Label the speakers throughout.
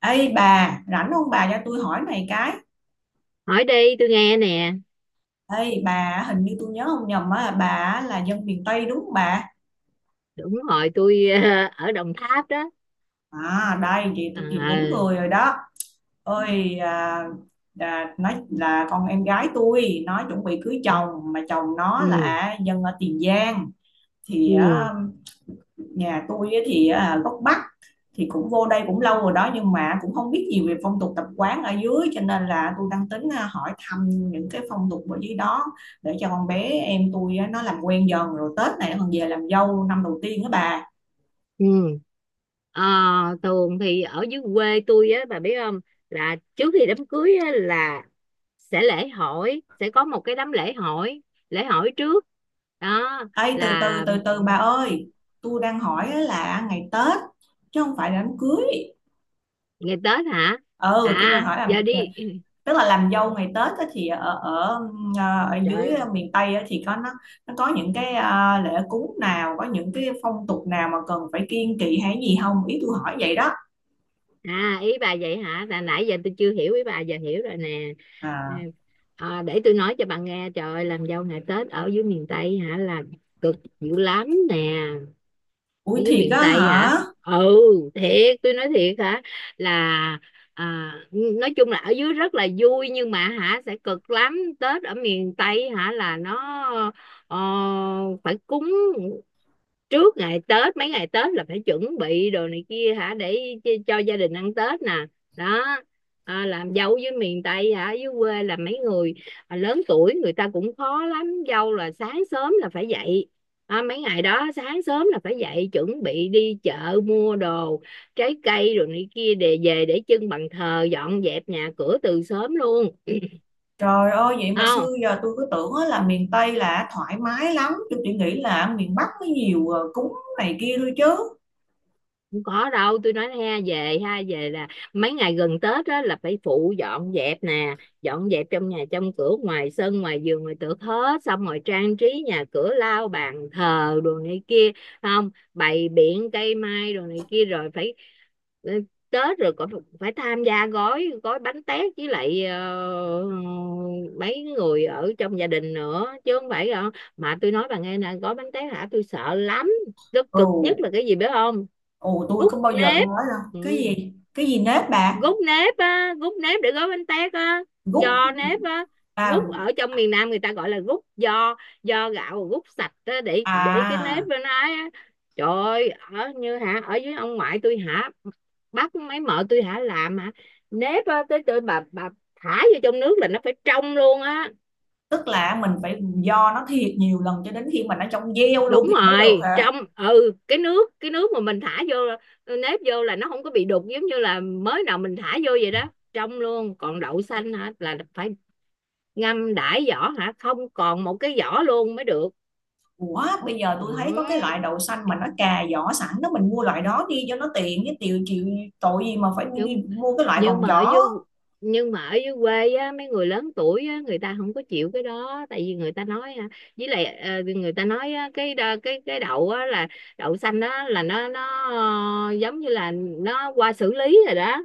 Speaker 1: Ê bà, rảnh không bà cho tôi hỏi này cái.
Speaker 2: Hỏi đi, tôi nghe nè.
Speaker 1: Ê bà, hình như tôi nhớ không nhầm á, bà á là dân miền Tây đúng không bà?
Speaker 2: Đúng rồi, tôi ở Đồng Tháp đó.
Speaker 1: À đây, vậy tôi tìm đúng
Speaker 2: À.
Speaker 1: người rồi đó. Ôi, nói là con em gái tôi, nó chuẩn bị cưới chồng, mà chồng nó
Speaker 2: Ừ.
Speaker 1: là dân ở Tiền Giang. Thì
Speaker 2: Ừ.
Speaker 1: á, nhà tôi á thì gốc Bắc, thì cũng vô đây cũng lâu rồi đó nhưng mà cũng không biết gì về phong tục tập quán ở dưới cho nên là tôi đang tính hỏi thăm những cái phong tục ở dưới đó để cho con bé em tôi á, nó làm quen dần rồi Tết này còn về làm dâu năm đầu tiên đó bà.
Speaker 2: Ừ. Ờ, Thường thì ở dưới quê tôi á, bà biết không, là trước khi đám cưới á, là sẽ lễ hỏi, sẽ có một cái đám lễ hỏi, lễ hỏi trước đó
Speaker 1: Ấy từ từ
Speaker 2: là
Speaker 1: từ từ bà ơi, tôi đang hỏi á là ngày Tết chứ không phải là đám cưới.
Speaker 2: ngày Tết hả?
Speaker 1: Ừ, tôi đang
Speaker 2: À
Speaker 1: hỏi là
Speaker 2: giờ đi.
Speaker 1: tức là làm dâu ngày Tết á, thì ở ở ờ, ở dưới
Speaker 2: Trời.
Speaker 1: miền Tây á, thì có nó có những cái lễ cúng nào có những cái phong tục nào mà cần phải kiêng kỵ hay gì không ý tôi hỏi vậy đó.
Speaker 2: À, ý bà vậy hả? Là nãy giờ tôi chưa hiểu ý bà, giờ hiểu rồi nè. Ừ.
Speaker 1: À,
Speaker 2: À, để tôi nói cho bà nghe, trời ơi, làm dâu ngày Tết ở dưới miền Tây hả, là cực dữ lắm nè.
Speaker 1: ui
Speaker 2: Ở dưới
Speaker 1: thiệt
Speaker 2: miền
Speaker 1: á
Speaker 2: Tây hả?
Speaker 1: hả.
Speaker 2: Ừ. Thiệt, tôi nói thiệt hả, là nói chung là ở dưới rất là vui nhưng mà hả sẽ cực lắm. Tết ở miền Tây hả là nó ờ, phải cúng. Trước ngày Tết, mấy ngày Tết là phải chuẩn bị đồ này kia hả để cho gia đình ăn Tết nè đó. À, làm dâu với miền Tây hả, dưới quê là mấy người lớn tuổi người ta cũng khó lắm. Dâu là sáng sớm là phải dậy. Mấy ngày đó sáng sớm là phải dậy chuẩn bị đi chợ mua đồ, trái cây rồi này kia để về để trưng bàn thờ, dọn dẹp nhà cửa từ sớm luôn.
Speaker 1: Trời ơi vậy mà
Speaker 2: Không,
Speaker 1: xưa giờ tôi cứ tưởng á là miền Tây là thoải mái lắm, tôi chỉ nghĩ là miền Bắc có nhiều cúng này kia thôi chứ.
Speaker 2: không có đâu, tôi nói ha, về ha, về là mấy ngày gần Tết đó là phải phụ dọn dẹp nè, dọn dẹp trong nhà trong cửa, ngoài sân ngoài vườn ngoài tược hết, xong rồi trang trí nhà cửa, lau bàn thờ đồ này kia, không bày biện cây mai đồ này kia, rồi phải ừ, Tết rồi còn phải tham gia gói gói bánh tét với lại mấy người ở trong gia đình nữa chứ không phải không? Mà tôi nói bà nghe nè, gói bánh tét hả tôi sợ lắm. Nó
Speaker 1: Ồ,
Speaker 2: cực nhất là cái gì biết không?
Speaker 1: ồ tôi
Speaker 2: Gút
Speaker 1: có bao giờ tôi
Speaker 2: nếp.
Speaker 1: nói đâu
Speaker 2: Ừ.
Speaker 1: cái gì nếp bà.
Speaker 2: Gút nếp á, gút nếp để gói bánh tét á,
Speaker 1: Gút.
Speaker 2: giò nếp á.
Speaker 1: À,
Speaker 2: Gút ở trong miền Nam người ta gọi là gút giò, giò gạo, gút sạch á để cái nếp
Speaker 1: à.
Speaker 2: bên ấy á. Trời ơi, ở như hả, ở dưới ông ngoại tôi hả, bắt mấy mợ tôi hả làm hả. Nếp á, tới tới bà thả vô trong nước là nó phải trong luôn á.
Speaker 1: Tức là mình phải do nó thiệt nhiều lần cho đến khi mà nó trong gieo luôn
Speaker 2: Đúng
Speaker 1: thì mới được
Speaker 2: rồi,
Speaker 1: hả?
Speaker 2: trong. Ừ, cái nước, cái nước mà mình thả vô nếp vô là nó không có bị đục, giống như là mới nào mình thả vô vậy đó, trong luôn. Còn đậu xanh hả là phải ngâm đãi vỏ hả, không còn một cái vỏ luôn mới được.
Speaker 1: Ủa bây giờ tôi thấy có cái
Speaker 2: Đó.
Speaker 1: loại đậu xanh mà nó cà vỏ sẵn đó mình mua loại đó đi cho nó tiện cái tiều chịu tội gì mà phải đi
Speaker 2: nhưng
Speaker 1: mua cái loại
Speaker 2: nhưng
Speaker 1: còn
Speaker 2: mà ở
Speaker 1: vỏ.
Speaker 2: dưới, nhưng mà ở dưới quê á, mấy người lớn tuổi á người ta không có chịu cái đó, tại vì người ta nói á, với lại người ta nói á, cái đậu á là đậu xanh đó là nó giống như là nó qua xử lý rồi đó,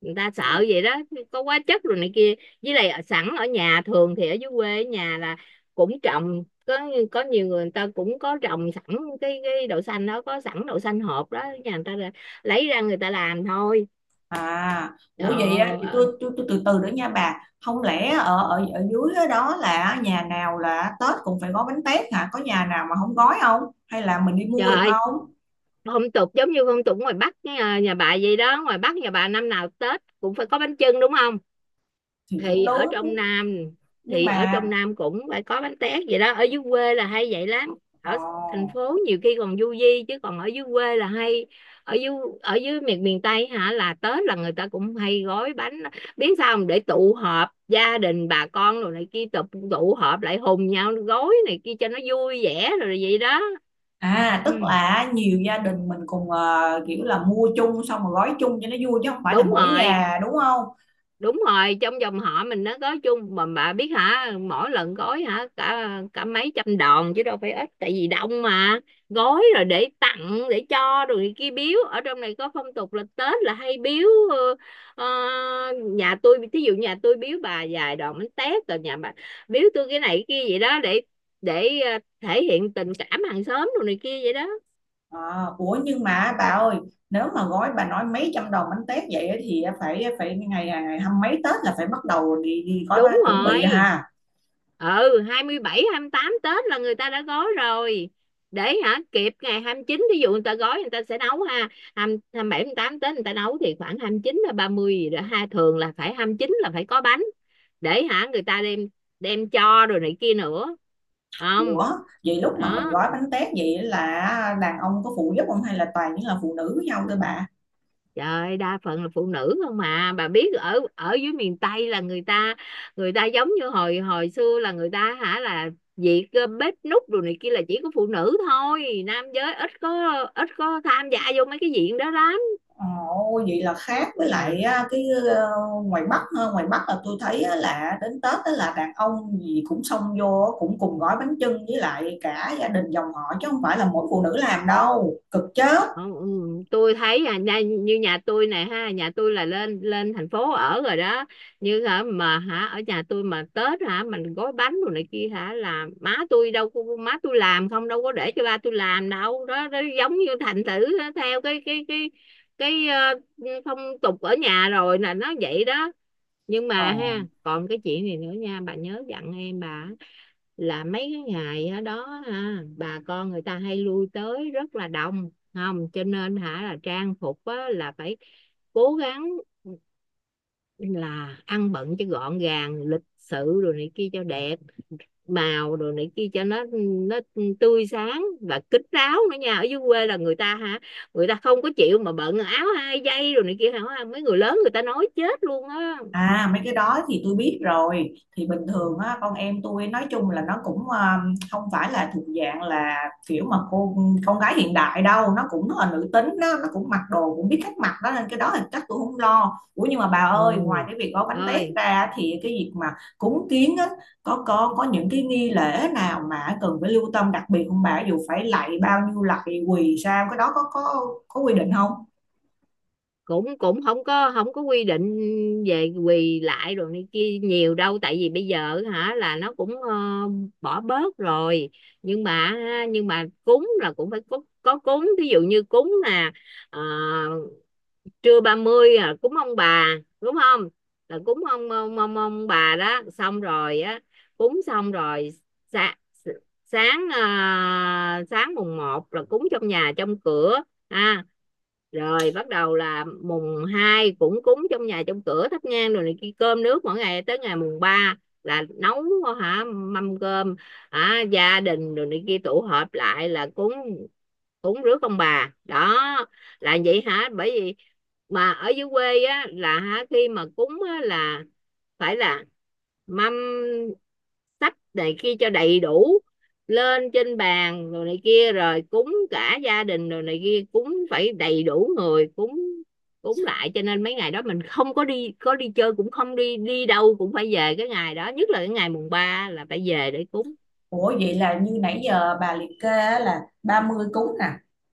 Speaker 2: người ta sợ vậy đó, có hóa chất rồi này kia, với lại sẵn ở nhà, thường thì ở dưới quê ở nhà là cũng trồng có nhiều người, người ta cũng có trồng sẵn cái đậu xanh đó, có sẵn đậu xanh hộp đó, nhà người ta lấy ra người ta làm thôi.
Speaker 1: À, ủa vậy á,
Speaker 2: Ờ.
Speaker 1: thì
Speaker 2: Ờ.
Speaker 1: tôi từ từ nữa nha bà. Không lẽ ở ở ở dưới đó đó là nhà nào là Tết cũng phải gói bánh tét hả? Có nhà nào mà không gói không? Hay là mình đi
Speaker 2: Trời
Speaker 1: mua được
Speaker 2: ơi,
Speaker 1: không?
Speaker 2: phong tục giống như phong tục ngoài Bắc, nhà, nhà bà vậy đó, ngoài Bắc nhà bà năm nào Tết cũng phải có bánh chưng đúng không?
Speaker 1: Thì cũng
Speaker 2: Thì ở
Speaker 1: đúng.
Speaker 2: trong Nam,
Speaker 1: Nhưng
Speaker 2: thì ở
Speaker 1: mà
Speaker 2: trong Nam cũng phải có bánh tét vậy đó. Ở dưới quê là hay vậy lắm. Ở thành
Speaker 1: ờ
Speaker 2: phố nhiều khi còn du di, chứ còn ở dưới quê là hay. Ở dưới, ở dưới miền miền Tây hả là Tết là người ta cũng hay gói bánh. Biết sao không, để tụ họp gia đình bà con rồi này kia, tụ tụ họp lại hùng nhau gói này kia cho nó vui vẻ rồi vậy đó.
Speaker 1: à
Speaker 2: Ừ.
Speaker 1: tức là nhiều gia đình mình cùng kiểu là mua chung xong rồi gói chung cho nó vui chứ không phải là
Speaker 2: Đúng
Speaker 1: mỗi
Speaker 2: rồi.
Speaker 1: nhà đúng không?
Speaker 2: Đúng rồi, trong dòng họ mình nó gói chung. Mà bà biết hả, mỗi lần gói hả cả cả mấy trăm đòn chứ đâu phải ít, tại vì đông mà. Gói rồi để tặng để cho, rồi người kia biếu. Ở trong này có phong tục là Tết là hay biếu ờ, nhà tôi, thí dụ nhà tôi biếu bà vài đòn bánh tét, rồi nhà bà biếu tôi cái này cái kia vậy đó, để thể hiện tình cảm hàng xóm rồi này kia vậy đó.
Speaker 1: À, ủa nhưng mà bà ơi, nếu mà gói bà nói mấy trăm đồng bánh tét vậy á thì phải phải ngày ngày hăm mấy Tết là phải bắt đầu đi gói bánh
Speaker 2: Đúng
Speaker 1: chuẩn bị
Speaker 2: rồi.
Speaker 1: ha.
Speaker 2: Ừ. hai hai mươi bảy, hai mươi tám Tết là người ta đã gói rồi, để hả kịp ngày hai mươi chín. Ví dụ người ta gói người ta sẽ nấu ha. 2, mươi tám Tết người ta nấu thì khoảng 29 là 30 gì đó ha, thường là phải 29 là phải có bánh, để hả người ta đem, đem cho rồi này kia nữa.
Speaker 1: Ủa
Speaker 2: Không.
Speaker 1: vậy lúc mà mình
Speaker 2: Đó.
Speaker 1: gói bánh tét vậy là đàn ông có phụ giúp không hay là toàn những là phụ nữ với nhau thôi bà?
Speaker 2: Trời ơi, đa phần là phụ nữ không. Mà bà biết ở, ở dưới miền Tây là người ta, người ta giống như hồi hồi xưa là người ta hả là việc bếp núc đồ này kia là chỉ có phụ nữ thôi, nam giới ít có, ít có tham gia vô mấy cái diện đó lắm.
Speaker 1: Ồ, vậy là khác với
Speaker 2: Ừ.
Speaker 1: lại á, cái ngoài Bắc ha. Ngoài Bắc là tôi thấy á là đến Tết á là đàn ông gì cũng xông vô á, cũng cùng gói bánh chưng với lại cả gia đình dòng họ chứ không phải là mỗi phụ nữ làm đâu cực chết.
Speaker 2: Ờ. Ừ. Tôi thấy như nhà tôi này ha, nhà tôi là lên lên thành phố ở rồi đó. Như hả mà hả ở nhà tôi mà Tết hả mình gói bánh đồ này kia hả là má tôi đâu có, má tôi làm không, đâu có để cho ba tôi làm đâu đó, đó giống như thành thử nó theo cái phong tục ở nhà rồi là nó vậy đó. Nhưng mà
Speaker 1: Ồ.
Speaker 2: ha, còn cái chuyện này nữa nha bà, nhớ dặn em bà là mấy cái ngày ở đó ha bà con người ta hay lui tới rất là đông, không cho nên hả là trang phục á, là phải cố gắng là ăn bận cho gọn gàng lịch sự rồi này kia cho đẹp màu rồi này kia cho nó tươi sáng và kín đáo nữa nha. Ở dưới quê là người ta hả, người ta không có chịu mà bận áo hai dây rồi này kia hả, mấy người lớn người ta nói chết luôn á.
Speaker 1: À mấy cái đó thì tôi biết rồi. Thì bình
Speaker 2: Ừ.
Speaker 1: thường á, con em tôi nói chung là nó cũng không phải là thuộc dạng là kiểu mà cô con gái hiện đại đâu. Nó cũng rất là nữ tính đó, nó cũng mặc đồ cũng biết cách mặc đó. Nên cái đó thì chắc tôi không lo. Ủa nhưng mà bà ơi, ngoài
Speaker 2: Ừ
Speaker 1: cái việc gói bánh tét
Speaker 2: rồi.
Speaker 1: ra thì cái việc mà cúng kiến á, có những cái nghi lễ nào mà cần phải lưu tâm đặc biệt không bà? Dù phải lạy bao nhiêu lạy quỳ sao cái đó có quy định không?
Speaker 2: Cũng cũng không có, không có quy định về quỳ lại rồi này kia nhiều đâu, tại vì bây giờ hả là nó cũng bỏ bớt rồi. Nhưng mà ha, nhưng mà cúng là cũng phải có cúng. Ví dụ như cúng là ờ, trưa ba mươi, à, cúng ông bà đúng không? Là cúng ông ông bà đó, xong rồi á, cúng xong rồi. sa, Sáng, à, sáng mùng một là cúng trong nhà trong cửa ha. Rồi bắt đầu là mùng 2 cũng cúng trong nhà trong cửa, thắp nhang rồi này kia, cơm nước mỗi ngày tới ngày mùng 3 là nấu hả mâm cơm hả gia đình rồi này kia tụ họp lại là cúng, cúng rước ông bà đó. Là vậy hả, bởi vì mà ở dưới quê á là hả khi mà cúng á, là phải là mâm sách này kia cho đầy đủ lên trên bàn rồi này kia, rồi cúng cả gia đình rồi này kia, cúng phải đầy đủ người cúng, cúng lại. Cho nên mấy ngày đó mình không có đi, có đi chơi cũng không, đi đi đâu cũng phải về cái ngày đó, nhất là cái ngày mùng ba là phải về để cúng.
Speaker 1: Ủa vậy là như nãy giờ bà liệt kê á là 30 cúng nè,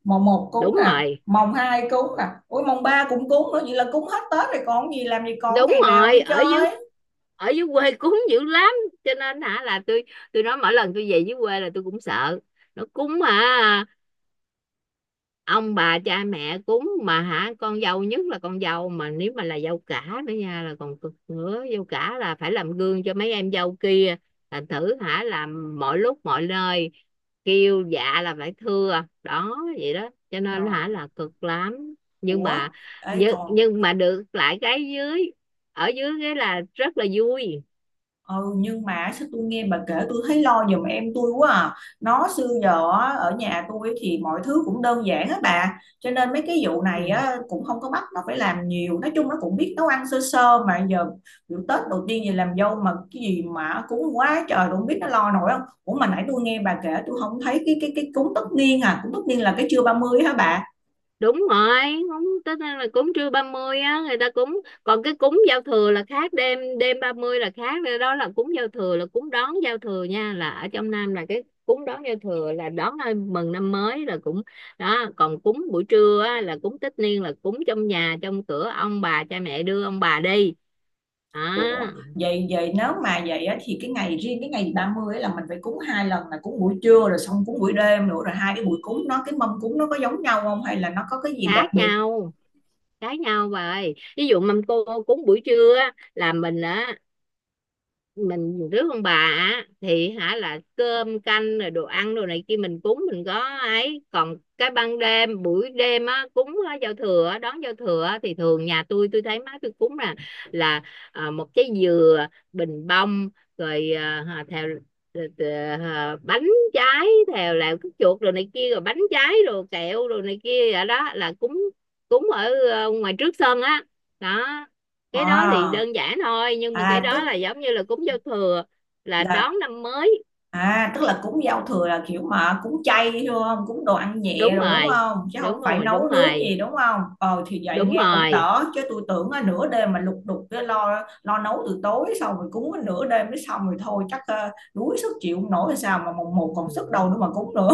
Speaker 1: mồng một cúng
Speaker 2: Đúng
Speaker 1: nè,
Speaker 2: rồi.
Speaker 1: mồng 2 cúng nè, ủa mồng 3 cũng cúng nữa, vậy là cúng hết Tết rồi còn gì làm gì còn
Speaker 2: Đúng
Speaker 1: ngày nào đi
Speaker 2: rồi, ở dưới,
Speaker 1: chơi.
Speaker 2: ở dưới quê cúng dữ lắm, cho nên hả là tôi nói mỗi lần tôi về dưới quê là tôi cũng sợ. Nó cúng mà, ông bà cha mẹ cúng mà hả, con dâu nhất là con dâu, mà nếu mà là dâu cả nữa nha là còn cực nữa. Dâu cả là phải làm gương cho mấy em dâu kia, là thử hả làm mọi lúc mọi nơi, kêu dạ là phải thưa đó vậy đó, cho nên
Speaker 1: Trời,
Speaker 2: hả là cực lắm. Nhưng
Speaker 1: ủa,
Speaker 2: mà,
Speaker 1: ấy
Speaker 2: nhưng,
Speaker 1: còn.
Speaker 2: nhưng mà được lại cái dưới, ở dưới cái là rất là vui.
Speaker 1: Ừ, nhưng mà sao tôi nghe bà kể tôi thấy lo giùm em tôi quá à. Nó xưa giờ á, ở nhà tôi thì mọi thứ cũng đơn giản á bà, cho nên mấy cái vụ này
Speaker 2: Ừ.
Speaker 1: á, cũng không có bắt nó phải làm nhiều, nói chung nó cũng biết nấu ăn sơ sơ mà giờ vụ Tết đầu tiên gì làm dâu mà cái gì mà cúng quá trời tôi không biết nó lo nổi không. Ủa mà nãy tôi nghe bà kể tôi không thấy cái cúng tất niên, à cúng tất niên là cái trưa 30 hả bà?
Speaker 2: Đúng rồi. Cúng tức là cúng trưa 30 á người ta cúng, còn cái cúng giao thừa là khác. Đêm đêm 30 là khác đó, là cúng giao thừa, là cúng đón giao thừa nha. Là ở trong Nam là cái cúng đón giao thừa là đón ai mừng năm mới là cũng đó. Còn cúng buổi trưa á, là cúng tất niên, là cúng trong nhà trong cửa ông bà cha mẹ đưa ông bà đi à.
Speaker 1: Ủa, vậy vậy nếu mà vậy á, thì cái ngày riêng cái ngày 30 ấy là mình phải cúng hai lần là cúng buổi trưa rồi xong cúng buổi đêm nữa rồi hai cái buổi cúng nó cái mâm cúng nó có giống nhau không hay là nó có cái gì đặc
Speaker 2: Khác
Speaker 1: biệt.
Speaker 2: nhau, khác nhau bà ơi. Ví dụ mâm cô cúng buổi trưa á, là mình á, mình rước ông bà á, thì hả là cơm canh rồi đồ ăn đồ này kia mình cúng, mình có. Ấy còn cái ban đêm, buổi đêm á cúng á, giao thừa á, đón giao thừa á, thì thường nhà tôi thấy má tôi cúng là à, một trái dừa, bình bông, rồi à, theo, à, bánh trái, theo là cái chuột rồi này kia, rồi bánh trái rồi kẹo rồi này kia vậy đó, là cúng, cúng ở ngoài trước sân á đó. Cái đó thì
Speaker 1: à,
Speaker 2: đơn giản thôi, nhưng mà cái
Speaker 1: à
Speaker 2: đó
Speaker 1: tức
Speaker 2: là giống như là cúng giao thừa là
Speaker 1: là
Speaker 2: đón năm mới.
Speaker 1: À, tức là cúng giao thừa là kiểu mà cúng chay thôi không? Cúng đồ ăn nhẹ
Speaker 2: Đúng
Speaker 1: rồi đúng
Speaker 2: rồi,
Speaker 1: không? Chứ không
Speaker 2: đúng
Speaker 1: phải
Speaker 2: rồi,
Speaker 1: nấu
Speaker 2: đúng
Speaker 1: nướng
Speaker 2: rồi,
Speaker 1: gì đúng không? Ờ thì vậy
Speaker 2: đúng
Speaker 1: nghe cũng
Speaker 2: rồi.
Speaker 1: đỡ chứ tôi tưởng á, nửa đêm mà lục đục cái lo lo nấu từ tối xong rồi cúng cái nửa đêm mới xong rồi thôi chắc đuối sức chịu không nổi hay sao mà mùng một
Speaker 2: Ừ.
Speaker 1: còn sức đâu nữa mà cúng nữa.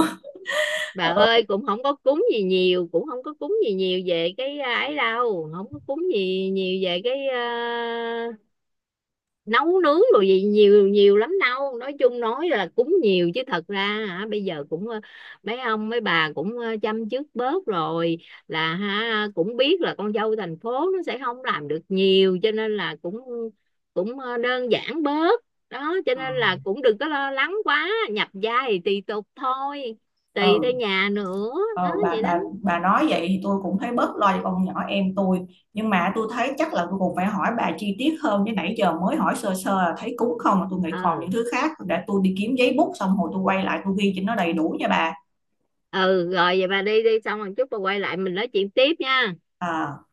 Speaker 2: Bà
Speaker 1: Ờ.
Speaker 2: ơi cũng không có cúng gì nhiều, cũng không có cúng gì nhiều về cái à, ấy đâu, không có cúng gì nhiều về cái à, nấu nướng rồi gì nhiều, nhiều lắm đâu. Nói chung nói là cúng nhiều chứ thật ra hả bây giờ cũng mấy ông mấy bà cũng chăm chút bớt rồi, là ha cũng biết là con dâu thành phố nó sẽ không làm được nhiều, cho nên là cũng cũng đơn giản bớt đó. Cho nên là cũng đừng có lo lắng quá, nhập gia thì tùy tục thôi,
Speaker 1: Ờ.
Speaker 2: tùy theo nhà nữa. Đó
Speaker 1: ờ, bà
Speaker 2: vậy đó.
Speaker 1: bà bà nói vậy thì tôi cũng thấy bớt lo cho con nhỏ em tôi, nhưng mà tôi thấy chắc là tôi cũng phải hỏi bà chi tiết hơn chứ nãy giờ mới hỏi sơ sơ là thấy cúng không mà tôi nghĩ còn những
Speaker 2: Ừ.
Speaker 1: thứ khác để tôi đi kiếm giấy bút xong rồi tôi quay lại tôi ghi cho nó đầy đủ nha bà.
Speaker 2: Ừ rồi, vậy bà đi đi xong rồi chút bà quay lại mình nói chuyện tiếp nha.
Speaker 1: À